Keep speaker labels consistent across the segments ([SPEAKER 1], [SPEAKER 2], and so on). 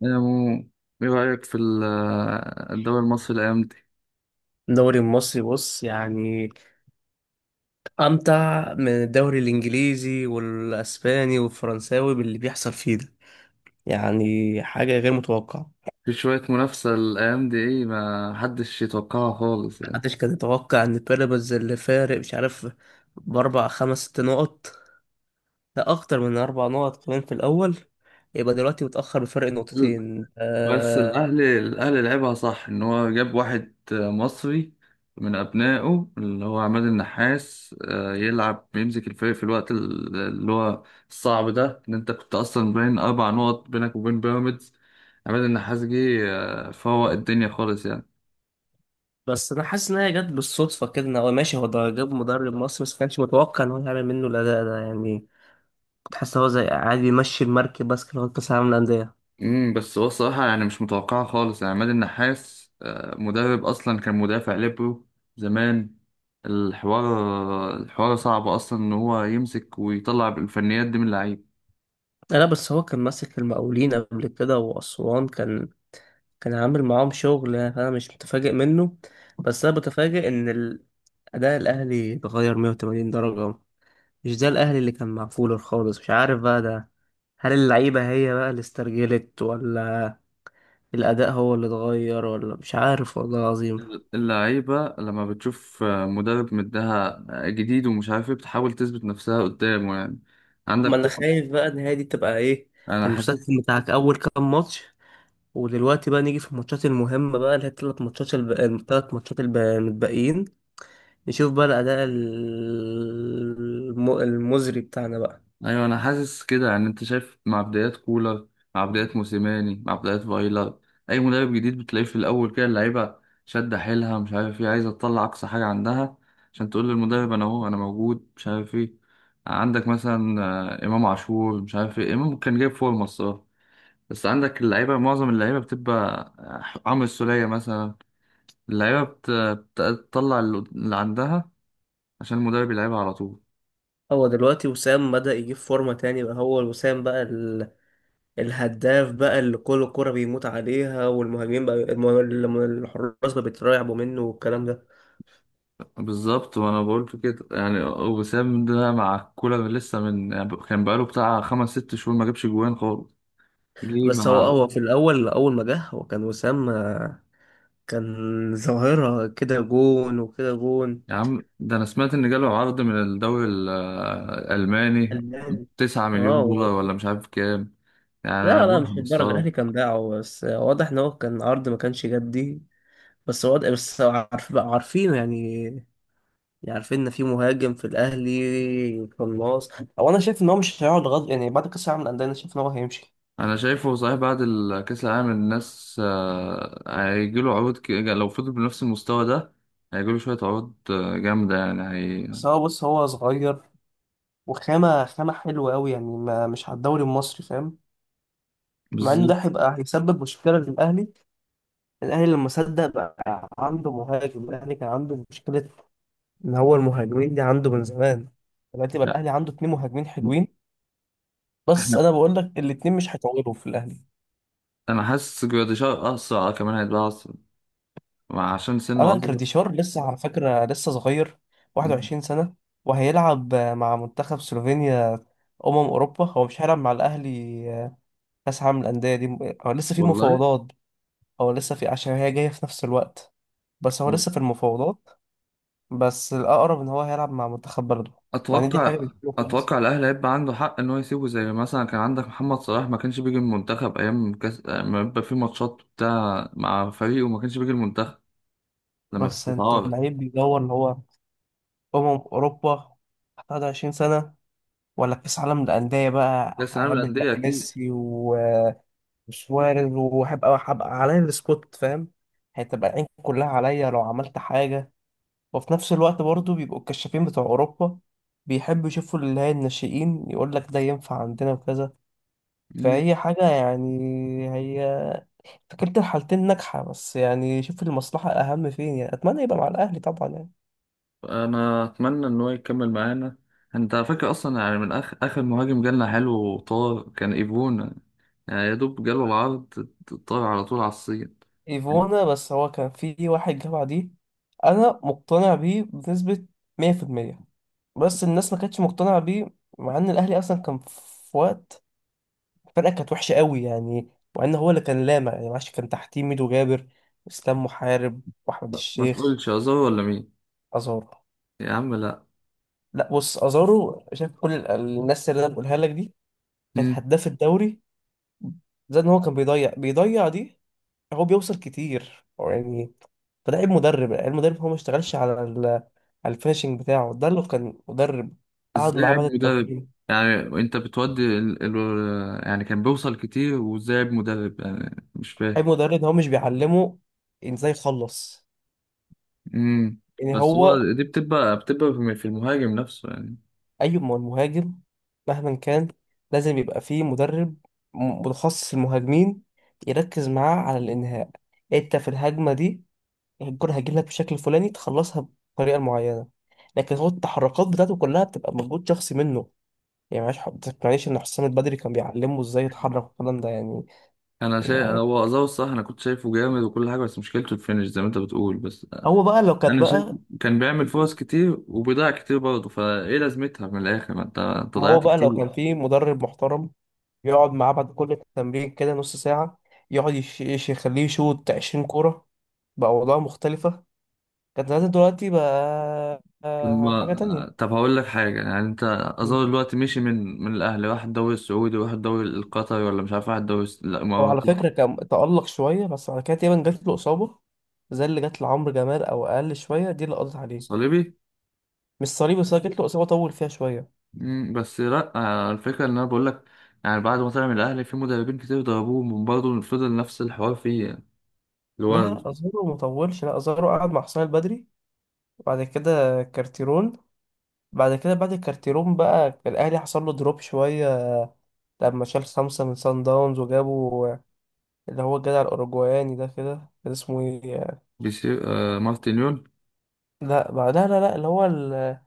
[SPEAKER 1] يا مو ايه رأيك في الدوري المصري الأيام دي؟
[SPEAKER 2] الدوري المصري بص يعني أمتع من الدوري الإنجليزي والأسباني والفرنساوي باللي بيحصل فيه ده. يعني حاجة غير متوقعة.
[SPEAKER 1] في شوية منافسة الأيام دي ايه ما حدش يتوقعها خالص يعني.
[SPEAKER 2] محدش كان يتوقع إن بيراميدز اللي فارق مش عارف بأربع خمس ست نقط، لا أكتر من أربع نقط كمان في الأول، يبقى دلوقتي متأخر بفرق
[SPEAKER 1] مم.
[SPEAKER 2] نقطتين.
[SPEAKER 1] بس الأهلي لعبها صح إن هو جاب واحد مصري من أبنائه اللي هو عماد النحاس يلعب يمسك الفريق في الوقت اللي هو الصعب ده إن أنت كنت أصلا باين 4 نقط بينك وبين بيراميدز. عماد النحاس جه فوق الدنيا خالص يعني.
[SPEAKER 2] بس أنا حاسس إن هي جت بالصدفة كده، إن هو ماشي، هو ده جاب مدرب مصري بس كانش متوقع إن هو يعمل منه الأداء ده يعني. كنت حاسس إن هو زي عادي يمشي المركب بس كده لغاية كأس العالم للأندية.
[SPEAKER 1] بس هو الصراحة يعني مش متوقعة خالص يعني عماد النحاس مدرب أصلا كان مدافع ليبرو زمان. الحوار صعب أصلا إن هو يمسك ويطلع الفنيات دي من اللعيب.
[SPEAKER 2] لا لا، بس هو كان ماسك المقاولين قبل كده وأسوان، كان كان عامل معاهم شغل يعني، أنا مش متفاجئ منه. بس أنا بتفاجئ إن أداء الأهلي اتغير 180 درجة. مش ده الأهلي اللي كان مع فولر خالص، مش عارف بقى ده. هل اللعيبة هي بقى اللي استرجلت، ولا الأداء هو اللي اتغير، ولا مش عارف والله العظيم.
[SPEAKER 1] اللعيبة لما بتشوف مدرب مدها جديد ومش عارف إيه بتحاول تثبت نفسها قدامه يعني.
[SPEAKER 2] ما
[SPEAKER 1] عندك
[SPEAKER 2] أنا
[SPEAKER 1] كوكا،
[SPEAKER 2] خايف بقى إن هي دي تبقى إيه،
[SPEAKER 1] أنا حاسس.
[SPEAKER 2] المسكن بتاعك أول كام ماتش، ودلوقتي بقى نيجي في الماتشات المهمة بقى اللي هي التلات ماتشات المتبقيين. نشوف بقى الأداء المزري بتاعنا بقى.
[SPEAKER 1] ايوه انا حاسس كده يعني، انت شايف مع بدايات كولر، مع بدايات موسيماني، مع بدايات فايلر، اي مدرب جديد بتلاقيه في الاول كده اللعيبه شادة حيلها مش عارف ايه، عايزه تطلع اقصى حاجه عندها عشان تقول للمدرب انا اهو، انا موجود مش عارف ايه. عندك مثلا امام عاشور مش عارف ايه، امام كان جايب فورمه الصراحه. بس عندك اللعيبه، معظم اللعيبه بتبقى عمرو السوليه مثلا. اللعيبه بت- بتطلع اللي عندها عشان المدرب يلعبها على طول.
[SPEAKER 2] دلوقتي وسام بدأ يجيب فورمة تاني بقى، هو وسام بقى الهداف بقى اللي كل كرة بيموت عليها، والمهاجمين بقى الحراس بقى بيترعبوا منه والكلام ده.
[SPEAKER 1] بالظبط، وانا بقول كده يعني وسام ده مع كولر لسه من، يعني كان بقاله بتاع خمس ست شهور ما جابش جوان خالص. جه
[SPEAKER 2] بس هو
[SPEAKER 1] مع،
[SPEAKER 2] هو في الأول أول ما جه هو كان وسام، كان ظاهرة كده، جون وكده جون،
[SPEAKER 1] يا عم ده انا سمعت ان جاله عرض من الدوري الالماني،
[SPEAKER 2] فنان.
[SPEAKER 1] تسعة
[SPEAKER 2] اه
[SPEAKER 1] مليون
[SPEAKER 2] و-
[SPEAKER 1] دولار ولا مش عارف كام، يعني انا
[SPEAKER 2] لا لا، مش
[SPEAKER 1] بفهم
[SPEAKER 2] للدرجة،
[SPEAKER 1] الصراحه.
[SPEAKER 2] الأهلي كان باعه، بس واضح إن هو كان عرض ما كانش جدي. بس هو عارف بقى، عارفينه يعني. يعني عارفين ان في مهاجم في الاهلي قناص. او انا شايف ان هو مش هيقعد غد يعني، بعد كاس العالم للانديه انا شايف ان هو هيمشي.
[SPEAKER 1] انا شايفه صحيح بعد كاس العالم الناس هيجيله عروض، لو فضل بنفس المستوى ده هيجيله شويه عروض جامده يعني هي.
[SPEAKER 2] بس هو بص، هو صغير، وخامه حلوه قوي يعني، ما مش على الدوري المصري، فاهم. مع انه ده
[SPEAKER 1] بالظبط.
[SPEAKER 2] هيبقى هيسبب مشكله للاهلي. الاهلي لما صدق بقى عنده مهاجم، الاهلي كان عنده مشكله ان هو المهاجمين دي عنده من زمان. دلوقتي بقى الاهلي عنده اتنين مهاجمين
[SPEAKER 1] لا،
[SPEAKER 2] حلوين. بس انا بقول لك الاتنين مش هيطولوا في الاهلي.
[SPEAKER 1] انا حاسس جراديشار اسرع، كمان هيبقى اسرع عشان سنه
[SPEAKER 2] ألان
[SPEAKER 1] اصغر.
[SPEAKER 2] جراديشار لسه على فكرة لسه صغير،
[SPEAKER 1] مم.
[SPEAKER 2] 21 سنة، وهيلعب مع منتخب سلوفينيا، أمم أوروبا. هو مش هيلعب مع الأهلي آه، كأس عالم الأندية دي. هو لسه في
[SPEAKER 1] والله.
[SPEAKER 2] مفاوضات. هو لسه في، عشان هي جاية في نفس الوقت، بس هو
[SPEAKER 1] و-
[SPEAKER 2] لسه في المفاوضات. بس الأقرب إن هو هيلعب مع منتخب بلده، مع إن دي حاجة
[SPEAKER 1] اتوقع.
[SPEAKER 2] مش حلوة خالص.
[SPEAKER 1] اتوقع الاهلي هيبقى عنده حق ان هو يسيبه، زي مثلا كان عندك محمد صلاح ما كانش بيجي المنتخب ايام كاس، ما يبقى في ماتشات بتاع مع فريقه وما كانش بيجي المنتخب لما كنت
[SPEAKER 2] بس أنت
[SPEAKER 1] بتعارض.
[SPEAKER 2] اللعيب بيدور إن هو أمم أوروبا، 21 سنة، ولا كأس عالم الأندية بقى
[SPEAKER 1] كاس العالم
[SPEAKER 2] هيقابل بقى
[SPEAKER 1] للانديه اكيد.
[SPEAKER 2] ميسي؟ مش وارد. هبقى عليا السبوت، فاهم. هتبقى العين كلها عليا لو عملت حاجة. وفي نفس الوقت برضو بيبقوا الكشافين بتوع أوروبا بيحبوا يشوفوا اللي هي الناشئين، يقول لك ده ينفع عندنا وكذا.
[SPEAKER 1] مم.
[SPEAKER 2] فهي حاجة يعني، هي فكرة الحالتين ناجحة، بس يعني شوف المصلحة أهم فين يعني. أتمنى يبقى مع الأهلي طبعا يعني.
[SPEAKER 1] انا اتمنى ان هو يكمل معانا. انت فاكر اصلا يعني من اخر اخر مهاجم جالنا حلو وطار، كان ايفون يعني، يا دوب جاله العرض طار على طول على الصين.
[SPEAKER 2] ايفونا، بس هو كان في واحد جه بعديه انا مقتنع بيه بنسبة 100%، بس الناس ما كانتش مقتنعة بيه. مع ان الاهلي اصلا كان في وقت الفرقة كانت وحشة قوي يعني، مع ان هو اللي كان لامع يعني. معلش كان تحتيه ميدو جابر، اسلام محارب، واحمد
[SPEAKER 1] لا ما
[SPEAKER 2] الشيخ،
[SPEAKER 1] تقولش أزار ولا مين.
[SPEAKER 2] ازارو.
[SPEAKER 1] يا عم لا.
[SPEAKER 2] لا بص، ازارو شايف كل الناس اللي انا بقولها لك دي كانت
[SPEAKER 1] مم.
[SPEAKER 2] هداف الدوري. زائد ان هو كان بيضيع دي، هو بيوصل كتير يعني. فده عيب مدرب، المدرب هو ما اشتغلش على على الفينشنج بتاعه ده. لو كان مدرب قعد
[SPEAKER 1] ازاي
[SPEAKER 2] معاه
[SPEAKER 1] عيب
[SPEAKER 2] بعد
[SPEAKER 1] مدرب؟
[SPEAKER 2] التمرين.
[SPEAKER 1] يعني انت بتودي ال... ال... يعني كان بيوصل كتير، وازاي عيب مدرب يعني مش فاهم.
[SPEAKER 2] عيب مدرب إن هو مش بيعلمه ازاي يخلص
[SPEAKER 1] مم.
[SPEAKER 2] يعني.
[SPEAKER 1] بس
[SPEAKER 2] هو
[SPEAKER 1] هو دي بتبقى، بتبقى في المهاجم نفسه يعني.
[SPEAKER 2] اي مهاجم مهما كان لازم يبقى فيه مدرب متخصص المهاجمين يركز معاه على الانهاء. انت في الهجمه دي الكره هتجيلك لك بشكل فلاني، تخلصها بطريقه معينه. لكن هو التحركات بتاعته كلها بتبقى مجهود شخصي منه. يعني معلش، ما تقنعنيش ان حسام البدري كان بيعلمه ازاي يتحرك والكلام ده يعني.
[SPEAKER 1] انا شايف
[SPEAKER 2] يعني
[SPEAKER 1] هو ازار الصح، انا كنت شايفه جامد وكل حاجه بس مشكلته الفينش زي ما انت بتقول بس.
[SPEAKER 2] هو بقى لو كانت
[SPEAKER 1] انا شايف
[SPEAKER 2] بقى،
[SPEAKER 1] كان بيعمل فرص كتير وبيضيع كتير برضه، فايه لازمتها من الاخر ما انت
[SPEAKER 2] ما هو
[SPEAKER 1] ضيعت
[SPEAKER 2] بقى لو
[SPEAKER 1] كتير.
[SPEAKER 2] كان في مدرب محترم يقعد معاه بعد كل تمرين كده نص ساعة، يقعد يخليه يشوط 20 كورة، بقى أوضاع مختلفة كانت زمان. دلوقتي بقى
[SPEAKER 1] طب
[SPEAKER 2] حاجة
[SPEAKER 1] ما-
[SPEAKER 2] تانية.
[SPEAKER 1] طب هقول لك حاجة يعني انت،
[SPEAKER 2] مم.
[SPEAKER 1] اظن دلوقتي مشي من الاهلي واحد الدوري السعودي وواحد الدوري القطري ولا مش عارف واحد الدوري الس-، لا
[SPEAKER 2] هو على
[SPEAKER 1] الاماراتي.
[SPEAKER 2] فكرة كان تألق شوية، بس بعد كده تقريبا جات له إصابة زي اللي جات لعمرو جمال أو أقل شوية، دي اللي قضت عليه.
[SPEAKER 1] صليبي.
[SPEAKER 2] مش صليبي، بس جات له إصابة طول فيها شوية.
[SPEAKER 1] مم، بس لا الفكرة ان انا بقول لك يعني بعد ما طلع من الاهلي في مدربين كتير ضربوه برضه فضل نفس الحوار فيه يعني. اللي
[SPEAKER 2] لا
[SPEAKER 1] هو
[SPEAKER 2] لا، ازارو مطولش، لا ازارو قعد مع حسام البدري وبعد كده كارتيرون. بعد كده بعد الكارتيرون بقى الاهلي حصل له دروب شويه، لما شال خمسه من سان داونز وجابوا اللي هو الجدع الاوروجواني ده، كده كان اسمه ايه.
[SPEAKER 1] بيسير، آه مارتينيول.
[SPEAKER 2] لا بعد، لا لا لا اللي هو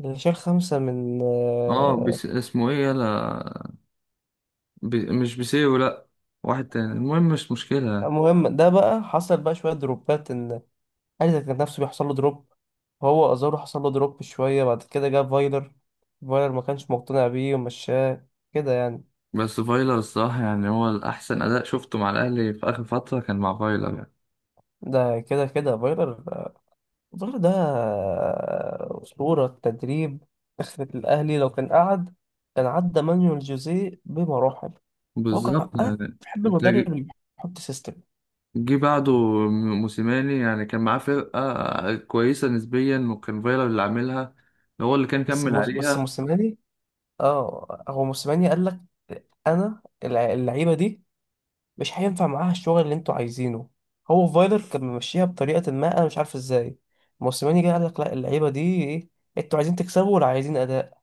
[SPEAKER 2] اللي شال خمسه من
[SPEAKER 1] اه بيس اسمه ايه يلا، بي مش بيسيرو لا، واحد تاني المهم مش مشكلة يعني.
[SPEAKER 2] المهم ده بقى. حصل بقى شويه دروبات، ان الاهلي ده كان نفسه بيحصل له دروب. هو ازارو حصل له دروب شويه، بعد كده جاب فايلر. فايلر ما كانش مقتنع بيه ومشاه كده يعني.
[SPEAKER 1] بس فايلر الصراحة يعني هو الأحسن أداء شفته مع الأهلي في آخر فترة كان مع فايلر يعني.
[SPEAKER 2] ده كده كده فايلر. فايلر ده أسطورة تدريب. أخرة الأهلي لو كان قعد كان عدى مانويل جوزيه بمراحل. هو كان
[SPEAKER 1] بالظبط
[SPEAKER 2] أنا
[SPEAKER 1] يعني.
[SPEAKER 2] بحب
[SPEAKER 1] انت
[SPEAKER 2] المدرب
[SPEAKER 1] جي،
[SPEAKER 2] اللي بيحط سيستم.
[SPEAKER 1] جه بعده موسيماني، يعني كان معاه فرقة كويسة نسبيا، وكان فايلر اللي عاملها، هو اللي كان
[SPEAKER 2] بس
[SPEAKER 1] كمل
[SPEAKER 2] موس- بس
[SPEAKER 1] عليها.
[SPEAKER 2] موسيماني اه، هو موسيماني قال لك أنا اللعيبة دي مش هينفع معاها الشغل اللي أنتوا عايزينه. هو فايلر كان ممشيها بطريقة ما، أنا مش عارف إزاي. موسيماني جه قال لك لا، اللعيبة دي إيه، أنتوا عايزين تكسبوا ولا عايزين أداء؟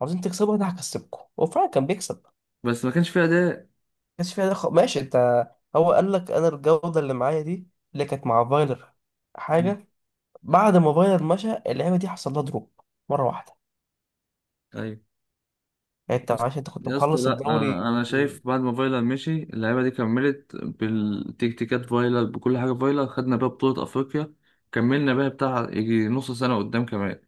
[SPEAKER 2] عاوزين تكسبوا، أنا هكسبكم. وفعلا كان بيكسب،
[SPEAKER 1] بس ما كانش فيها أداء.
[SPEAKER 2] كانش فيها دخل، ماشي انت. هو قال لك انا الجوده اللي معايا دي اللي كانت مع فايلر
[SPEAKER 1] مم.
[SPEAKER 2] حاجه. بعد ما فايلر مشى اللعبه دي حصل لها دروب مره واحده.
[SPEAKER 1] أيوة.
[SPEAKER 2] يعني انت
[SPEAKER 1] بس-،
[SPEAKER 2] عشان انت كنت
[SPEAKER 1] يا اسطى
[SPEAKER 2] مخلص
[SPEAKER 1] لا،
[SPEAKER 2] الدوري.
[SPEAKER 1] أنا شايف بعد ما فايلر مشي اللعيبة دي كملت بالتكتيكات فايلر، بكل حاجة فايلر خدنا بيها بطولة أفريقيا، كملنا بيها بتاع يجي نص سنة قدام كمان.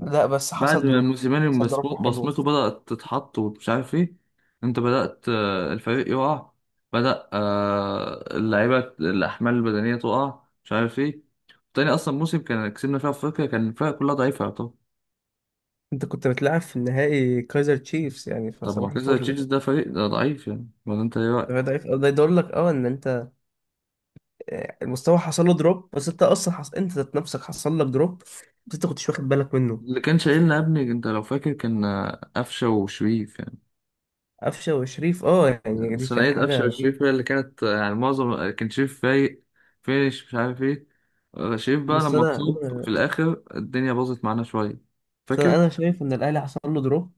[SPEAKER 2] لا، بس
[SPEAKER 1] بعد
[SPEAKER 2] حصل
[SPEAKER 1] ما
[SPEAKER 2] دروب،
[SPEAKER 1] موسيماني
[SPEAKER 2] حصل دروب حلو.
[SPEAKER 1] بصمته بدأت تتحط ومش عارف ايه، انت بدأت الفريق يقع، بدأ اللعيبة الأحمال البدنية تقع مش عارف ايه. تاني أصلا موسم كان كسبنا فيها أفريقيا كان الفرق كلها ضعيفة. طب،
[SPEAKER 2] انت كنت بتلعب في النهائي كايزر تشيفز يعني،
[SPEAKER 1] طب ما
[SPEAKER 2] فصباح
[SPEAKER 1] كذا
[SPEAKER 2] الفل
[SPEAKER 1] تشيلسي
[SPEAKER 2] ده.
[SPEAKER 1] ده فريق ده ضعيف يعني، ولا انت ايه
[SPEAKER 2] ده
[SPEAKER 1] رأيك؟
[SPEAKER 2] ده يدل لك اه ان انت اه، المستوى حصل له دروب. بس انت اصلا انت ذات نفسك حصل لك دروب، بس انت كنتش واخد بالك منه.
[SPEAKER 1] اللي كان شايلنا يا ابني انت لو فاكر كان قفشة وشريف يعني.
[SPEAKER 2] قفشه وشريف، اه يعني دي كانت
[SPEAKER 1] ثنائية
[SPEAKER 2] حاجه
[SPEAKER 1] أفشة
[SPEAKER 2] غريبه.
[SPEAKER 1] والشريف هي اللي كانت يعني معظم كان شريف فايق فيش مش عارف ايه. شريف بقى
[SPEAKER 2] بس
[SPEAKER 1] لما
[SPEAKER 2] انا
[SPEAKER 1] اتصاب في
[SPEAKER 2] انا
[SPEAKER 1] الآخر الدنيا باظت معانا شوية.
[SPEAKER 2] بس انا
[SPEAKER 1] فاكر،
[SPEAKER 2] أنا شايف ان الاهلي حصل له دروب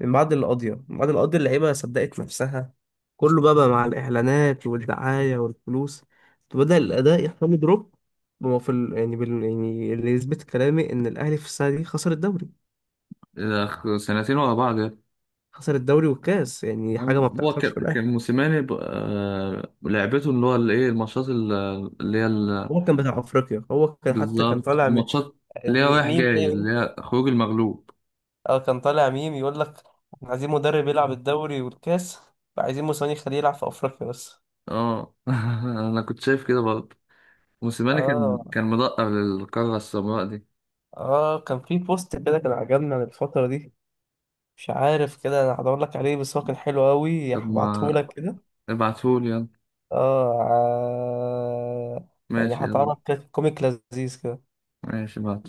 [SPEAKER 2] من بعد القضيه. من بعد القضيه اللعيبه صدقت نفسها، كله بقى، بقى مع الاعلانات والدعايه والفلوس، بدا الاداء يحصل له دروب. هو في يعني يعني اللي يثبت كلامي ان الاهلي في السنه دي خسر الدوري،
[SPEAKER 1] سنتين ورا بعض يعني.
[SPEAKER 2] خسر الدوري والكاس، يعني حاجه ما
[SPEAKER 1] هو
[SPEAKER 2] بتحصلش في
[SPEAKER 1] كان
[SPEAKER 2] الاهلي.
[SPEAKER 1] كان موسيماني لعبته اللي هو الايه الماتشات اللي هي
[SPEAKER 2] هو كان بتاع افريقيا، هو كان حتى كان
[SPEAKER 1] بالظبط
[SPEAKER 2] طالع
[SPEAKER 1] الماتشات اللي
[SPEAKER 2] يعني
[SPEAKER 1] هي رايح
[SPEAKER 2] ميم
[SPEAKER 1] جاي،
[SPEAKER 2] ده
[SPEAKER 1] اللي هي خروج المغلوب.
[SPEAKER 2] اه كان طالع ميم يقول لك احنا عايزين مدرب يلعب الدوري والكاس، فعايزين موسيماني يخليه يلعب في افريقيا بس.
[SPEAKER 1] اه انا كنت شايف كده برضه، موسيماني كان
[SPEAKER 2] اه
[SPEAKER 1] كان مدقق للقارة السمراء دي.
[SPEAKER 2] اه كان في بوست كده كان عجبني عن الفترة دي، مش عارف كده، انا هدور لك عليه بس هو كان حلو قوي،
[SPEAKER 1] طب
[SPEAKER 2] هبعته
[SPEAKER 1] ما،
[SPEAKER 2] لك كده.
[SPEAKER 1] ابعتهولي يلا.
[SPEAKER 2] اه ع- يعني
[SPEAKER 1] ماشي يلا،
[SPEAKER 2] هتعرف كده، كوميك لذيذ كده.
[SPEAKER 1] ماشي بعد.